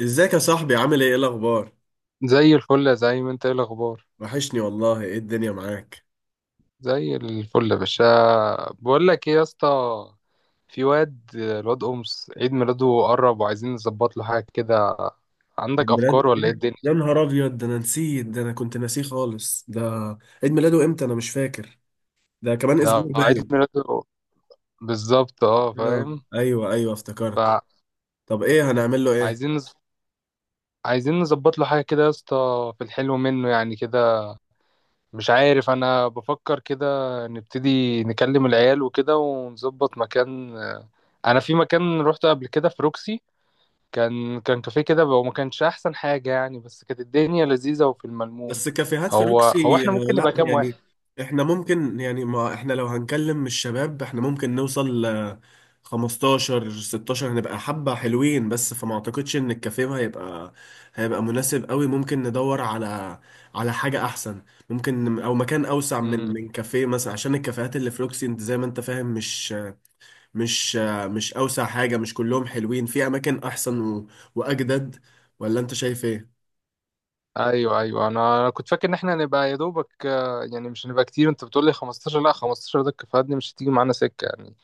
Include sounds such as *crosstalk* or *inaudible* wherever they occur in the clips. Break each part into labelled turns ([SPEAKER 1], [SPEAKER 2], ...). [SPEAKER 1] ازيك يا صاحبي؟ عامل ايه الاخبار؟
[SPEAKER 2] زي الفل، زي ما انت. ايه الاخبار؟
[SPEAKER 1] وحشني والله. ايه الدنيا معاك؟
[SPEAKER 2] زي الفل يا باشا. بقول لك ايه يا اسطى. في الواد امس عيد ميلاده قرب وعايزين نظبط له حاجه كده.
[SPEAKER 1] عيد
[SPEAKER 2] عندك
[SPEAKER 1] ميلاد
[SPEAKER 2] افكار ولا ايه
[SPEAKER 1] ايه؟
[SPEAKER 2] الدنيا؟
[SPEAKER 1] يا نهار ابيض، ده انا نسيت، ده انا كنت ناسيه خالص. ده عيد ميلاده امتى؟ انا مش فاكر. ده كمان
[SPEAKER 2] ده
[SPEAKER 1] اسبوع
[SPEAKER 2] عيد
[SPEAKER 1] باين.
[SPEAKER 2] ميلاده بالظبط، اه
[SPEAKER 1] اه،
[SPEAKER 2] فاهم.
[SPEAKER 1] ايوه افتكرت. طب ايه هنعمل له؟
[SPEAKER 2] فعايزين نز... عايزين نظبط له حاجه كده يا اسطى في الحلو منه يعني كده. مش عارف، انا بفكر كده. نبتدي نكلم العيال وكده ونظبط مكان. انا في مكان روحته قبل كده في روكسي. كان كافيه كده، هو ما كانش احسن حاجة يعني، بس كانت الدنيا لذيذة وفي الملموم.
[SPEAKER 1] بس كافيهات
[SPEAKER 2] هو هو
[SPEAKER 1] فاروكسي؟
[SPEAKER 2] احنا ممكن نبقى
[SPEAKER 1] لا
[SPEAKER 2] كام واحد؟
[SPEAKER 1] يعني. احنا ممكن، يعني ما احنا لو هنكلم الشباب احنا ممكن نوصل ل 15 16، هنبقى حبة حلوين، بس فما اعتقدش ان الكافيه هيبقى مناسب قوي. ممكن ندور على حاجة احسن. ممكن او مكان اوسع من
[SPEAKER 2] امم.
[SPEAKER 1] من كافيه مثلا، عشان الكافيهات اللي في روكسي انت زي ما انت فاهم، مش مش اوسع حاجة، مش كلهم حلوين، في اماكن احسن واجدد. ولا انت شايف ايه؟
[SPEAKER 2] ايوه، ايوه، انا كنت فاكر ان احنا نبقى يا دوبك، يعني مش هنبقى كتير. انت بتقول لي 15، لا 15 ده كفاية، مش هتيجي معانا سكة يعني.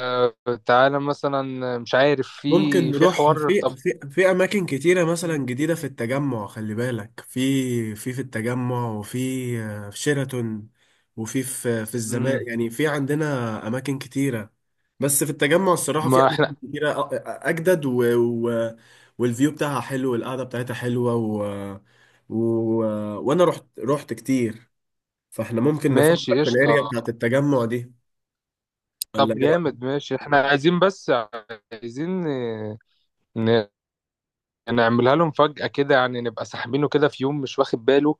[SPEAKER 2] آه، تعالى مثلا، مش عارف،
[SPEAKER 1] ممكن
[SPEAKER 2] في
[SPEAKER 1] نروح
[SPEAKER 2] حوار طب.
[SPEAKER 1] في اماكن كتيره مثلا جديده في التجمع، خلي بالك، في التجمع، وفي في شيراتون، وفي في في الزمالك.
[SPEAKER 2] امم.
[SPEAKER 1] يعني في عندنا اماكن كتيره، بس في التجمع الصراحه في
[SPEAKER 2] ما احنا
[SPEAKER 1] اماكن كتيره، اجدد و والفيو بتاعها حلو، والقعده بتاعتها حلوه، و وانا رحت كتير. فاحنا ممكن
[SPEAKER 2] ماشي
[SPEAKER 1] نفكر في
[SPEAKER 2] قشطة.
[SPEAKER 1] الاريا بتاعت التجمع دي.
[SPEAKER 2] طب
[SPEAKER 1] ولا ايه رايك؟
[SPEAKER 2] جامد، ماشي. احنا عايزين، بس عايزين نعملها لهم فجأة كده، يعني نبقى ساحبينه كده في يوم مش واخد باله.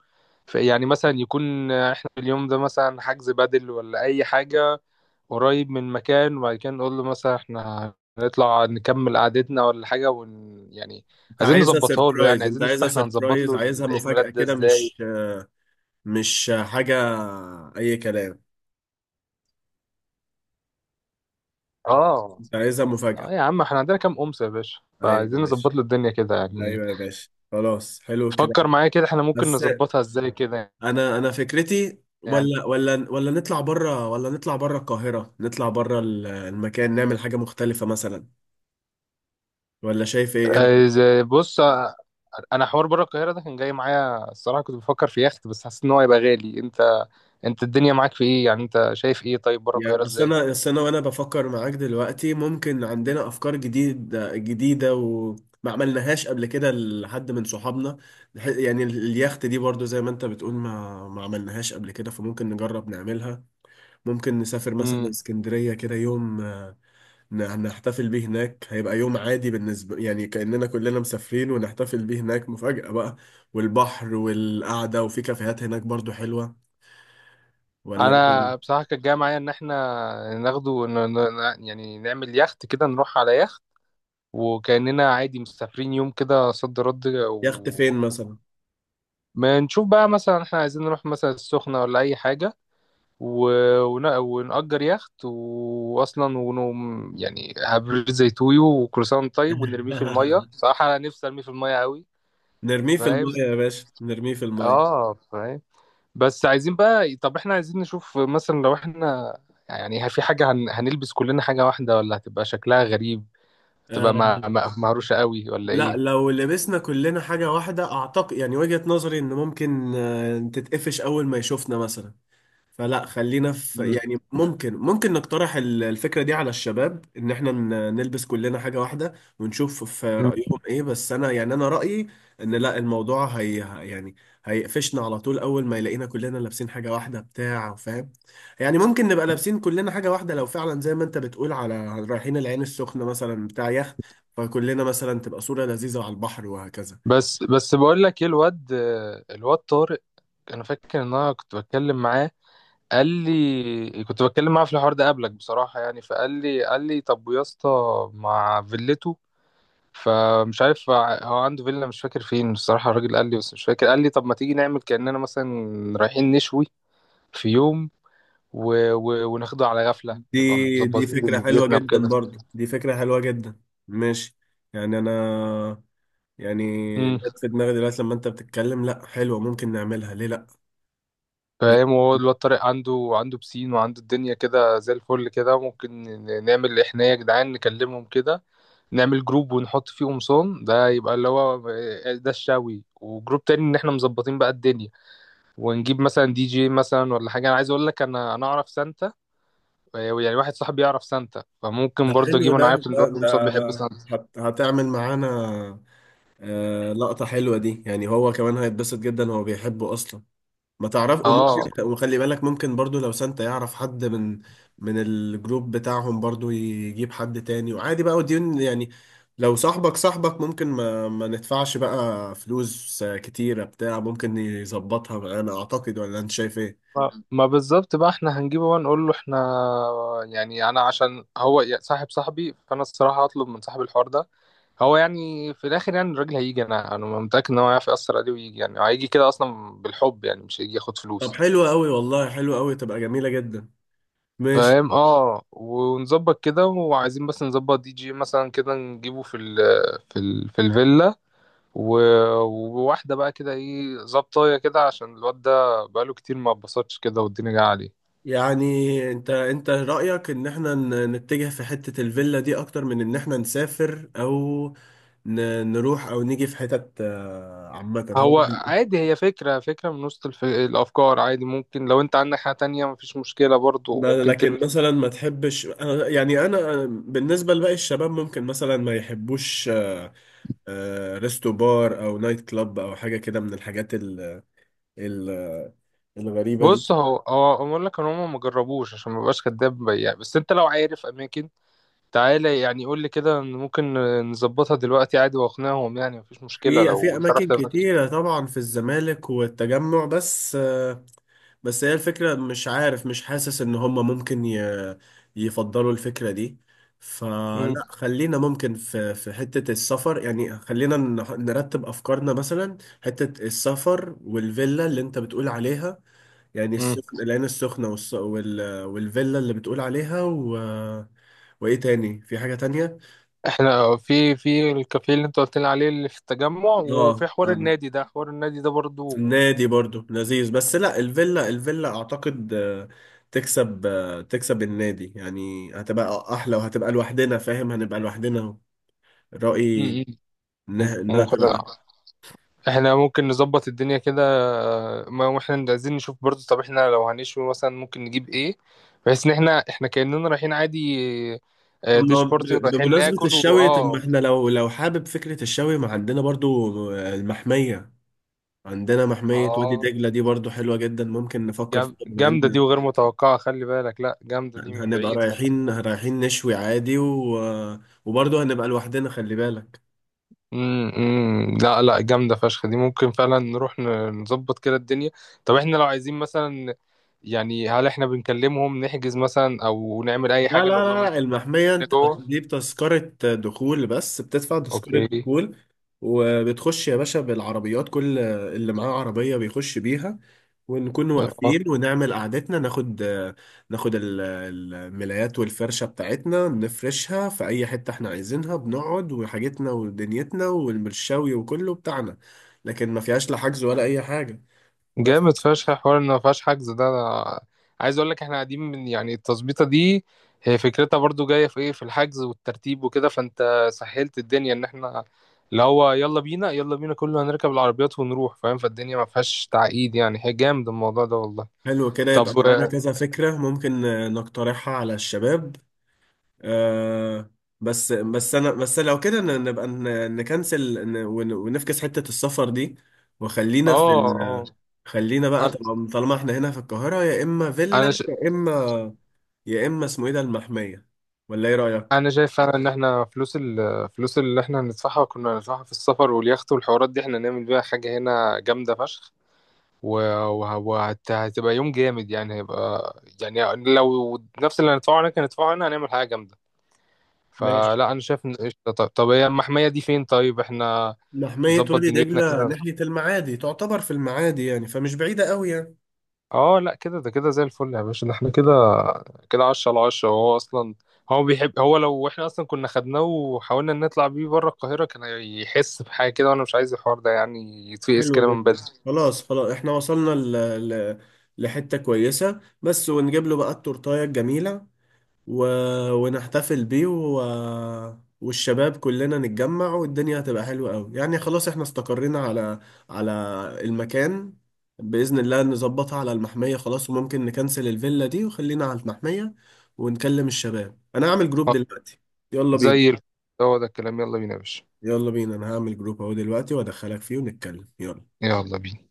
[SPEAKER 2] يعني مثلا يكون احنا في اليوم ده مثلا حجز بدل ولا اي حاجة قريب من مكان، وبعد كده نقول له مثلا احنا هنطلع نكمل قعدتنا ولا حاجة يعني.
[SPEAKER 1] انت
[SPEAKER 2] عايزين
[SPEAKER 1] عايزها
[SPEAKER 2] نظبطها له، يعني
[SPEAKER 1] سيربرايز؟
[SPEAKER 2] عايزين نشوف احنا هنظبط له
[SPEAKER 1] عايزها
[SPEAKER 2] العيد
[SPEAKER 1] مفاجاه
[SPEAKER 2] ميلاد ده
[SPEAKER 1] كده،
[SPEAKER 2] ازاي.
[SPEAKER 1] مش مش حاجة، أي كلام.
[SPEAKER 2] اه.
[SPEAKER 1] أنت عايزها
[SPEAKER 2] اه
[SPEAKER 1] مفاجأة.
[SPEAKER 2] يا عم، احنا عندنا كام أمس يا باشا،
[SPEAKER 1] أيوة يا
[SPEAKER 2] فعايزين
[SPEAKER 1] باشا،
[SPEAKER 2] نظبط له الدنيا كده يعني.
[SPEAKER 1] خلاص، حلو الكلام.
[SPEAKER 2] فكر معايا كده، احنا ممكن
[SPEAKER 1] بس
[SPEAKER 2] نظبطها ازاي كده.
[SPEAKER 1] أنا فكرتي
[SPEAKER 2] يعني
[SPEAKER 1] ولا ولا ولا نطلع بره، القاهرة، نطلع بره المكان، نعمل حاجة مختلفة مثلا. ولا شايف إيه؟ رأيك؟
[SPEAKER 2] بص، انا حوار بره القاهره ده كان جاي معايا الصراحه، كنت بفكر في يخت، بس حاسس ان هو هيبقى غالي. انت الدنيا معاك في ايه يعني، انت شايف ايه طيب بره القاهره
[SPEAKER 1] يعني أصل
[SPEAKER 2] ازاي؟
[SPEAKER 1] أنا، وأنا بفكر معاك دلوقتي، ممكن عندنا أفكار جديدة و ما عملناهاش قبل كده لحد من صحابنا. يعني اليخت دي برضو زي ما انت بتقول ما عملناهاش قبل كده، فممكن نجرب نعملها. ممكن نسافر مثلا
[SPEAKER 2] امم.
[SPEAKER 1] اسكندرية كده يوم، نحتفل بيه هناك، هيبقى يوم عادي بالنسبة، يعني كأننا كلنا مسافرين ونحتفل بيه هناك مفاجأة بقى. والبحر والقعدة، وفي كافيهات هناك برضو حلوة. ولا ايه
[SPEAKER 2] انا
[SPEAKER 1] رأيك؟
[SPEAKER 2] بصراحه كان جاي معايا ان احنا ناخده، يعني نعمل يخت كده، نروح على يخت، وكاننا عادي مسافرين يوم كده صد رد
[SPEAKER 1] يخت فين مثلا؟
[SPEAKER 2] ما نشوف بقى مثلا احنا عايزين نروح مثلا السخنه ولا اي حاجه. و- ونأجر يخت وأصلا، ونقوم يعني هبريد زي تويو وكروسان طيب، ونرميه في المية،
[SPEAKER 1] *laughs*
[SPEAKER 2] صراحة أنا نفسي أرميه في المية أوي.
[SPEAKER 1] نرميه في
[SPEAKER 2] فاهم.
[SPEAKER 1] المية يا باشا، نرميه في المية.
[SPEAKER 2] آه، فاهم. بس عايزين بقى، طب إحنا عايزين نشوف مثلا لو إحنا يعني، هل في حاجة هنلبس كلنا حاجة واحدة ولا هتبقى شكلها غريب، تبقى
[SPEAKER 1] آه.
[SPEAKER 2] مهروشة أوي ولا
[SPEAKER 1] لا،
[SPEAKER 2] إيه؟
[SPEAKER 1] لو لبسنا كلنا حاجة واحدة أعتقد، يعني وجهة نظري إن ممكن آه تتقفش أول ما يشوفنا مثلا. فلا خلينا في،
[SPEAKER 2] مم.
[SPEAKER 1] يعني ممكن، نقترح الفكرة دي على الشباب، ان احنا نلبس كلنا حاجة واحدة، ونشوف في
[SPEAKER 2] مم.
[SPEAKER 1] رأيهم ايه. بس انا يعني، انا رأيي ان لا، الموضوع هي، يعني هيقفشنا على طول اول ما يلاقينا كلنا لابسين حاجة واحدة، بتاع فاهم. يعني ممكن نبقى لابسين كلنا حاجة واحدة لو فعلا زي ما انت بتقول على رايحين العين السخنة مثلا بتاع يخت، فكلنا مثلا تبقى صورة لذيذة على البحر وهكذا.
[SPEAKER 2] بس بقول لك إيه، الواد، الواد طارق، أنا فاكر إن أنا كنت بتكلم معاه. قال لي، كنت بتكلم معاه في الحوار ده قبلك بصراحة يعني، فقال لي طب يا اسطى، مع فيلته. فمش عارف، هو عنده فيلا مش فاكر فين بصراحة، الراجل قال لي بس مش فاكر. قال لي طب ما تيجي نعمل كأننا مثلا رايحين نشوي في يوم وناخده على غفلة
[SPEAKER 1] دي
[SPEAKER 2] نبقى
[SPEAKER 1] دي
[SPEAKER 2] مظبطين
[SPEAKER 1] فكرة حلوة
[SPEAKER 2] دنيتنا
[SPEAKER 1] جدا،
[SPEAKER 2] وكده.
[SPEAKER 1] برضو دي فكرة حلوة جدا. ماشي. يعني أنا، يعني
[SPEAKER 2] امم.
[SPEAKER 1] جت في دماغي دلوقتي لما أنت بتتكلم، لأ حلوة، ممكن نعملها، ليه لأ.
[SPEAKER 2] فاهم، وهو الواد طارق عنده بسين وعنده الدنيا كده زي الفل كده. ممكن نعمل احنا يا جدعان نكلمهم كده، نعمل جروب ونحط فيه قمصان، ده يبقى اللي هو، ده الشاوي. وجروب تاني ان احنا مظبطين بقى الدنيا، ونجيب مثلا دي جي مثلا ولا حاجه. انا عايز اقول لك، انا اعرف سانتا يعني، واحد صاحبي يعرف سانتا،
[SPEAKER 1] ده
[SPEAKER 2] فممكن برضه
[SPEAKER 1] حلو
[SPEAKER 2] اجيبه. انا
[SPEAKER 1] ده،
[SPEAKER 2] عارف ان
[SPEAKER 1] ده,
[SPEAKER 2] الواد
[SPEAKER 1] ده
[SPEAKER 2] قمصان بيحب سانتا.
[SPEAKER 1] هت هتعمل معانا؟ آه، لقطة حلوة دي، يعني هو كمان هيتبسط جدا، هو بيحبه أصلا. ما تعرف، وممكن،
[SPEAKER 2] اه.
[SPEAKER 1] وخلي بالك ممكن برضو لو سانتا يعرف حد من الجروب بتاعهم برضو يجيب حد تاني، وعادي بقى وديون يعني. لو صاحبك ممكن ما ندفعش بقى فلوس كتيرة بتاع، ممكن يظبطها انا اعتقد. ولا انت شايف ايه؟
[SPEAKER 2] ما بالظبط بقى، احنا هنجيبه بقى نقول له احنا يعني. انا عشان هو صاحبي، فانا الصراحه هطلب من صاحب الحوار ده، هو يعني في الاخر يعني، الراجل هيجي، انا متاكد ان هو هيعرف ياثر عليه ويجي، يعني هيجي كده اصلا بالحب يعني، مش هيجي ياخد
[SPEAKER 1] طب
[SPEAKER 2] فلوس.
[SPEAKER 1] حلو قوي والله، حلو قوي تبقى جميلة جدا. ماشي.
[SPEAKER 2] فاهم. اه، ونظبط كده. وعايزين بس نظبط دي جي مثلا كده، نجيبه في ال في ال في الفيلا. و- وواحدة بقى كده، ايه، ظبطاية كده عشان الواد ده بقاله كتير ما اتبسطش كده والدنيا جاية عليه.
[SPEAKER 1] يعني انت رأيك ان احنا نتجه في حتة الفيلا دي اكتر من ان احنا نسافر، او نروح، او نيجي في حتت عامة هو.
[SPEAKER 2] هو عادي، هي فكرة من وسط الأفكار، عادي، ممكن لو أنت عندك حاجة تانية مفيش مشكلة برضو، ممكن ترمي.
[SPEAKER 1] لكن مثلا ما تحبش، انا يعني، انا بالنسبة لباقي الشباب ممكن مثلا ما يحبوش ريستو بار او نايت كلاب او حاجة كده من الحاجات ال ال الغريبة دي.
[SPEAKER 2] بص، هو أقول لك إن هما مجربوش عشان مبقاش كداب يعني، بس أنت لو عارف أماكن تعالى يعني قول لي كده، ممكن نظبطها دلوقتي عادي واقنعهم يعني، مفيش مشكلة
[SPEAKER 1] في
[SPEAKER 2] لو انت رحت
[SPEAKER 1] اماكن
[SPEAKER 2] اماكن.
[SPEAKER 1] كتيرة طبعا في الزمالك والتجمع، بس بس هي الفكرة مش عارف، مش حاسس ان هم ممكن يفضلوا الفكرة دي. فلا
[SPEAKER 2] مم.
[SPEAKER 1] خلينا ممكن في حتة السفر، يعني خلينا نرتب افكارنا مثلا. حتة السفر، والفيلا اللي انت بتقول عليها، يعني
[SPEAKER 2] مم.
[SPEAKER 1] السخن العين السخنة والفيلا اللي بتقول عليها، و وايه تاني؟ في حاجة تانية؟
[SPEAKER 2] احنا في الكافيه اللي انت قلت لي عليه اللي في التجمع، وفي
[SPEAKER 1] اه
[SPEAKER 2] حوار
[SPEAKER 1] آه.
[SPEAKER 2] النادي ده، حوار النادي ده برضو.
[SPEAKER 1] النادي برضو لذيذ. بس لا، الفيلا، الفيلا اعتقد تكسب، تكسب النادي، يعني هتبقى احلى وهتبقى لوحدنا، فاهم، هنبقى لوحدنا. رأيي
[SPEAKER 2] مم. مم.
[SPEAKER 1] انها تبقى
[SPEAKER 2] مقدر.
[SPEAKER 1] احلى.
[SPEAKER 2] احنا ممكن نظبط الدنيا كده. ما احنا عايزين نشوف برضو، طب احنا لو هنشوي مثلا ممكن نجيب ايه بحيث ان احنا كأننا رايحين عادي،
[SPEAKER 1] طب ما
[SPEAKER 2] ديش بارتي، ورايحين
[SPEAKER 1] بمناسبة
[SPEAKER 2] ناكل
[SPEAKER 1] الشوي، طب ما
[SPEAKER 2] واه.
[SPEAKER 1] احنا لو حابب فكرة الشوي، ما عندنا برضو المحمية، عندنا
[SPEAKER 2] اه،
[SPEAKER 1] محمية وادي
[SPEAKER 2] آه.
[SPEAKER 1] دجلة، دي برضو حلوة جدا، ممكن نفكر فيها، بما
[SPEAKER 2] جامدة دي
[SPEAKER 1] ان
[SPEAKER 2] وغير متوقعة خلي بالك، لا، جامدة دي من
[SPEAKER 1] هنبقى
[SPEAKER 2] بعيد خلي بالك.
[SPEAKER 1] رايحين نشوي عادي، و... وبرضو هنبقى لوحدنا خلي بالك.
[SPEAKER 2] مم، مم. لا، لا، جامدة فشخ دي، ممكن فعلا نروح نظبط كده الدنيا. طب احنا لو عايزين مثلا يعني، هل احنا بنكلمهم نحجز مثلا او نعمل اي
[SPEAKER 1] لا لا
[SPEAKER 2] حاجة نقول لهم إن
[SPEAKER 1] لا لا، المحمية
[SPEAKER 2] إحنا
[SPEAKER 1] انت
[SPEAKER 2] جوه.
[SPEAKER 1] بتجيب تذكرة دخول، بس بتدفع تذكرة
[SPEAKER 2] اوكي.
[SPEAKER 1] دخول وبتخش يا باشا بالعربيات، كل اللي معاه عربية بيخش بيها، ونكون واقفين ونعمل قعدتنا، ناخد الملايات والفرشة بتاعتنا، نفرشها في أي حتة احنا عايزينها، بنقعد وحاجتنا ودنيتنا والمرشاوي وكله بتاعنا. لكن ما فيهاش لا حجز ولا أي حاجة. بس
[SPEAKER 2] جامد فشخ حوار ان ما فيهاش حجز، ده انا عايز اقول لك، احنا قاعدين من يعني، التظبيطه دي هي فكرتها برضو جايه في ايه، في الحجز والترتيب وكده، فانت سهلت الدنيا ان احنا اللي هو يلا بينا، يلا بينا، كله هنركب العربيات ونروح، فاهم، فالدنيا ما فيهاش تعقيد يعني، هي جامد الموضوع ده والله.
[SPEAKER 1] حلو كده،
[SPEAKER 2] طب
[SPEAKER 1] يبقى معانا
[SPEAKER 2] *laughs*
[SPEAKER 1] كذا فكرة ممكن نقترحها على الشباب. آه. بس انا بس لو كده نبقى نكنسل ونفكس حتة السفر دي، وخلينا في
[SPEAKER 2] اه، اه،
[SPEAKER 1] ال، خلينا بقى طالما احنا هنا في القاهرة، يا اما
[SPEAKER 2] انا
[SPEAKER 1] فيلا،
[SPEAKER 2] ش...
[SPEAKER 1] يا اما اسمه ايه ده، المحمية. ولا ايه رأيك؟
[SPEAKER 2] انا شايف فعلا ان احنا الفلوس اللي احنا هندفعها كنا هندفعها في السفر واليخت والحوارات دي احنا نعمل بيها حاجه هنا جامده فشخ، وهتبقى يوم جامد يعني هيبقى يعني، لو نفس اللي هندفعه هناك هندفعه هنا هنعمل حاجة جامدة.
[SPEAKER 1] ماشي.
[SPEAKER 2] فلا، أنا شايف إن قشطة. طب هي المحمية دي فين طيب، إحنا
[SPEAKER 1] محمية
[SPEAKER 2] نظبط
[SPEAKER 1] وادي
[SPEAKER 2] دنيتنا
[SPEAKER 1] دجلة
[SPEAKER 2] كده.
[SPEAKER 1] ناحية المعادي، تعتبر في المعادي يعني، فمش بعيدة قوي يعني.
[SPEAKER 2] اه لا كده، ده كده زي الفل يا باشا، ده احنا كده، كده عشرة على عشرة، وهو أصلا هو بيحب، هو لو احنا أصلا كنا خدناه وحاولنا نطلع بيه بره القاهرة كان هيحس بحاجة كده، وأنا مش عايز الحوار ده يعني يتفقس
[SPEAKER 1] حلو
[SPEAKER 2] كده من
[SPEAKER 1] جدا.
[SPEAKER 2] بدري.
[SPEAKER 1] خلاص احنا وصلنا ل... لحتة كويسة، بس ونجيب له بقى التورتاية الجميلة، و... ونحتفل بيه، و... والشباب كلنا نتجمع، والدنيا هتبقى حلوة قوي يعني. خلاص احنا استقرينا على على المكان، بإذن الله نظبطها على المحمية، خلاص، وممكن نكنسل الفيلا دي وخلينا على المحمية. ونكلم الشباب، أنا هعمل جروب
[SPEAKER 2] آه،
[SPEAKER 1] دلوقتي، يلا
[SPEAKER 2] زي
[SPEAKER 1] بينا.
[SPEAKER 2] الفل. هو ده الكلام، يلا بينا يا باشا.
[SPEAKER 1] أنا هعمل جروب أهو دلوقتي وأدخلك فيه ونتكلم، يلا.
[SPEAKER 2] يلا بينا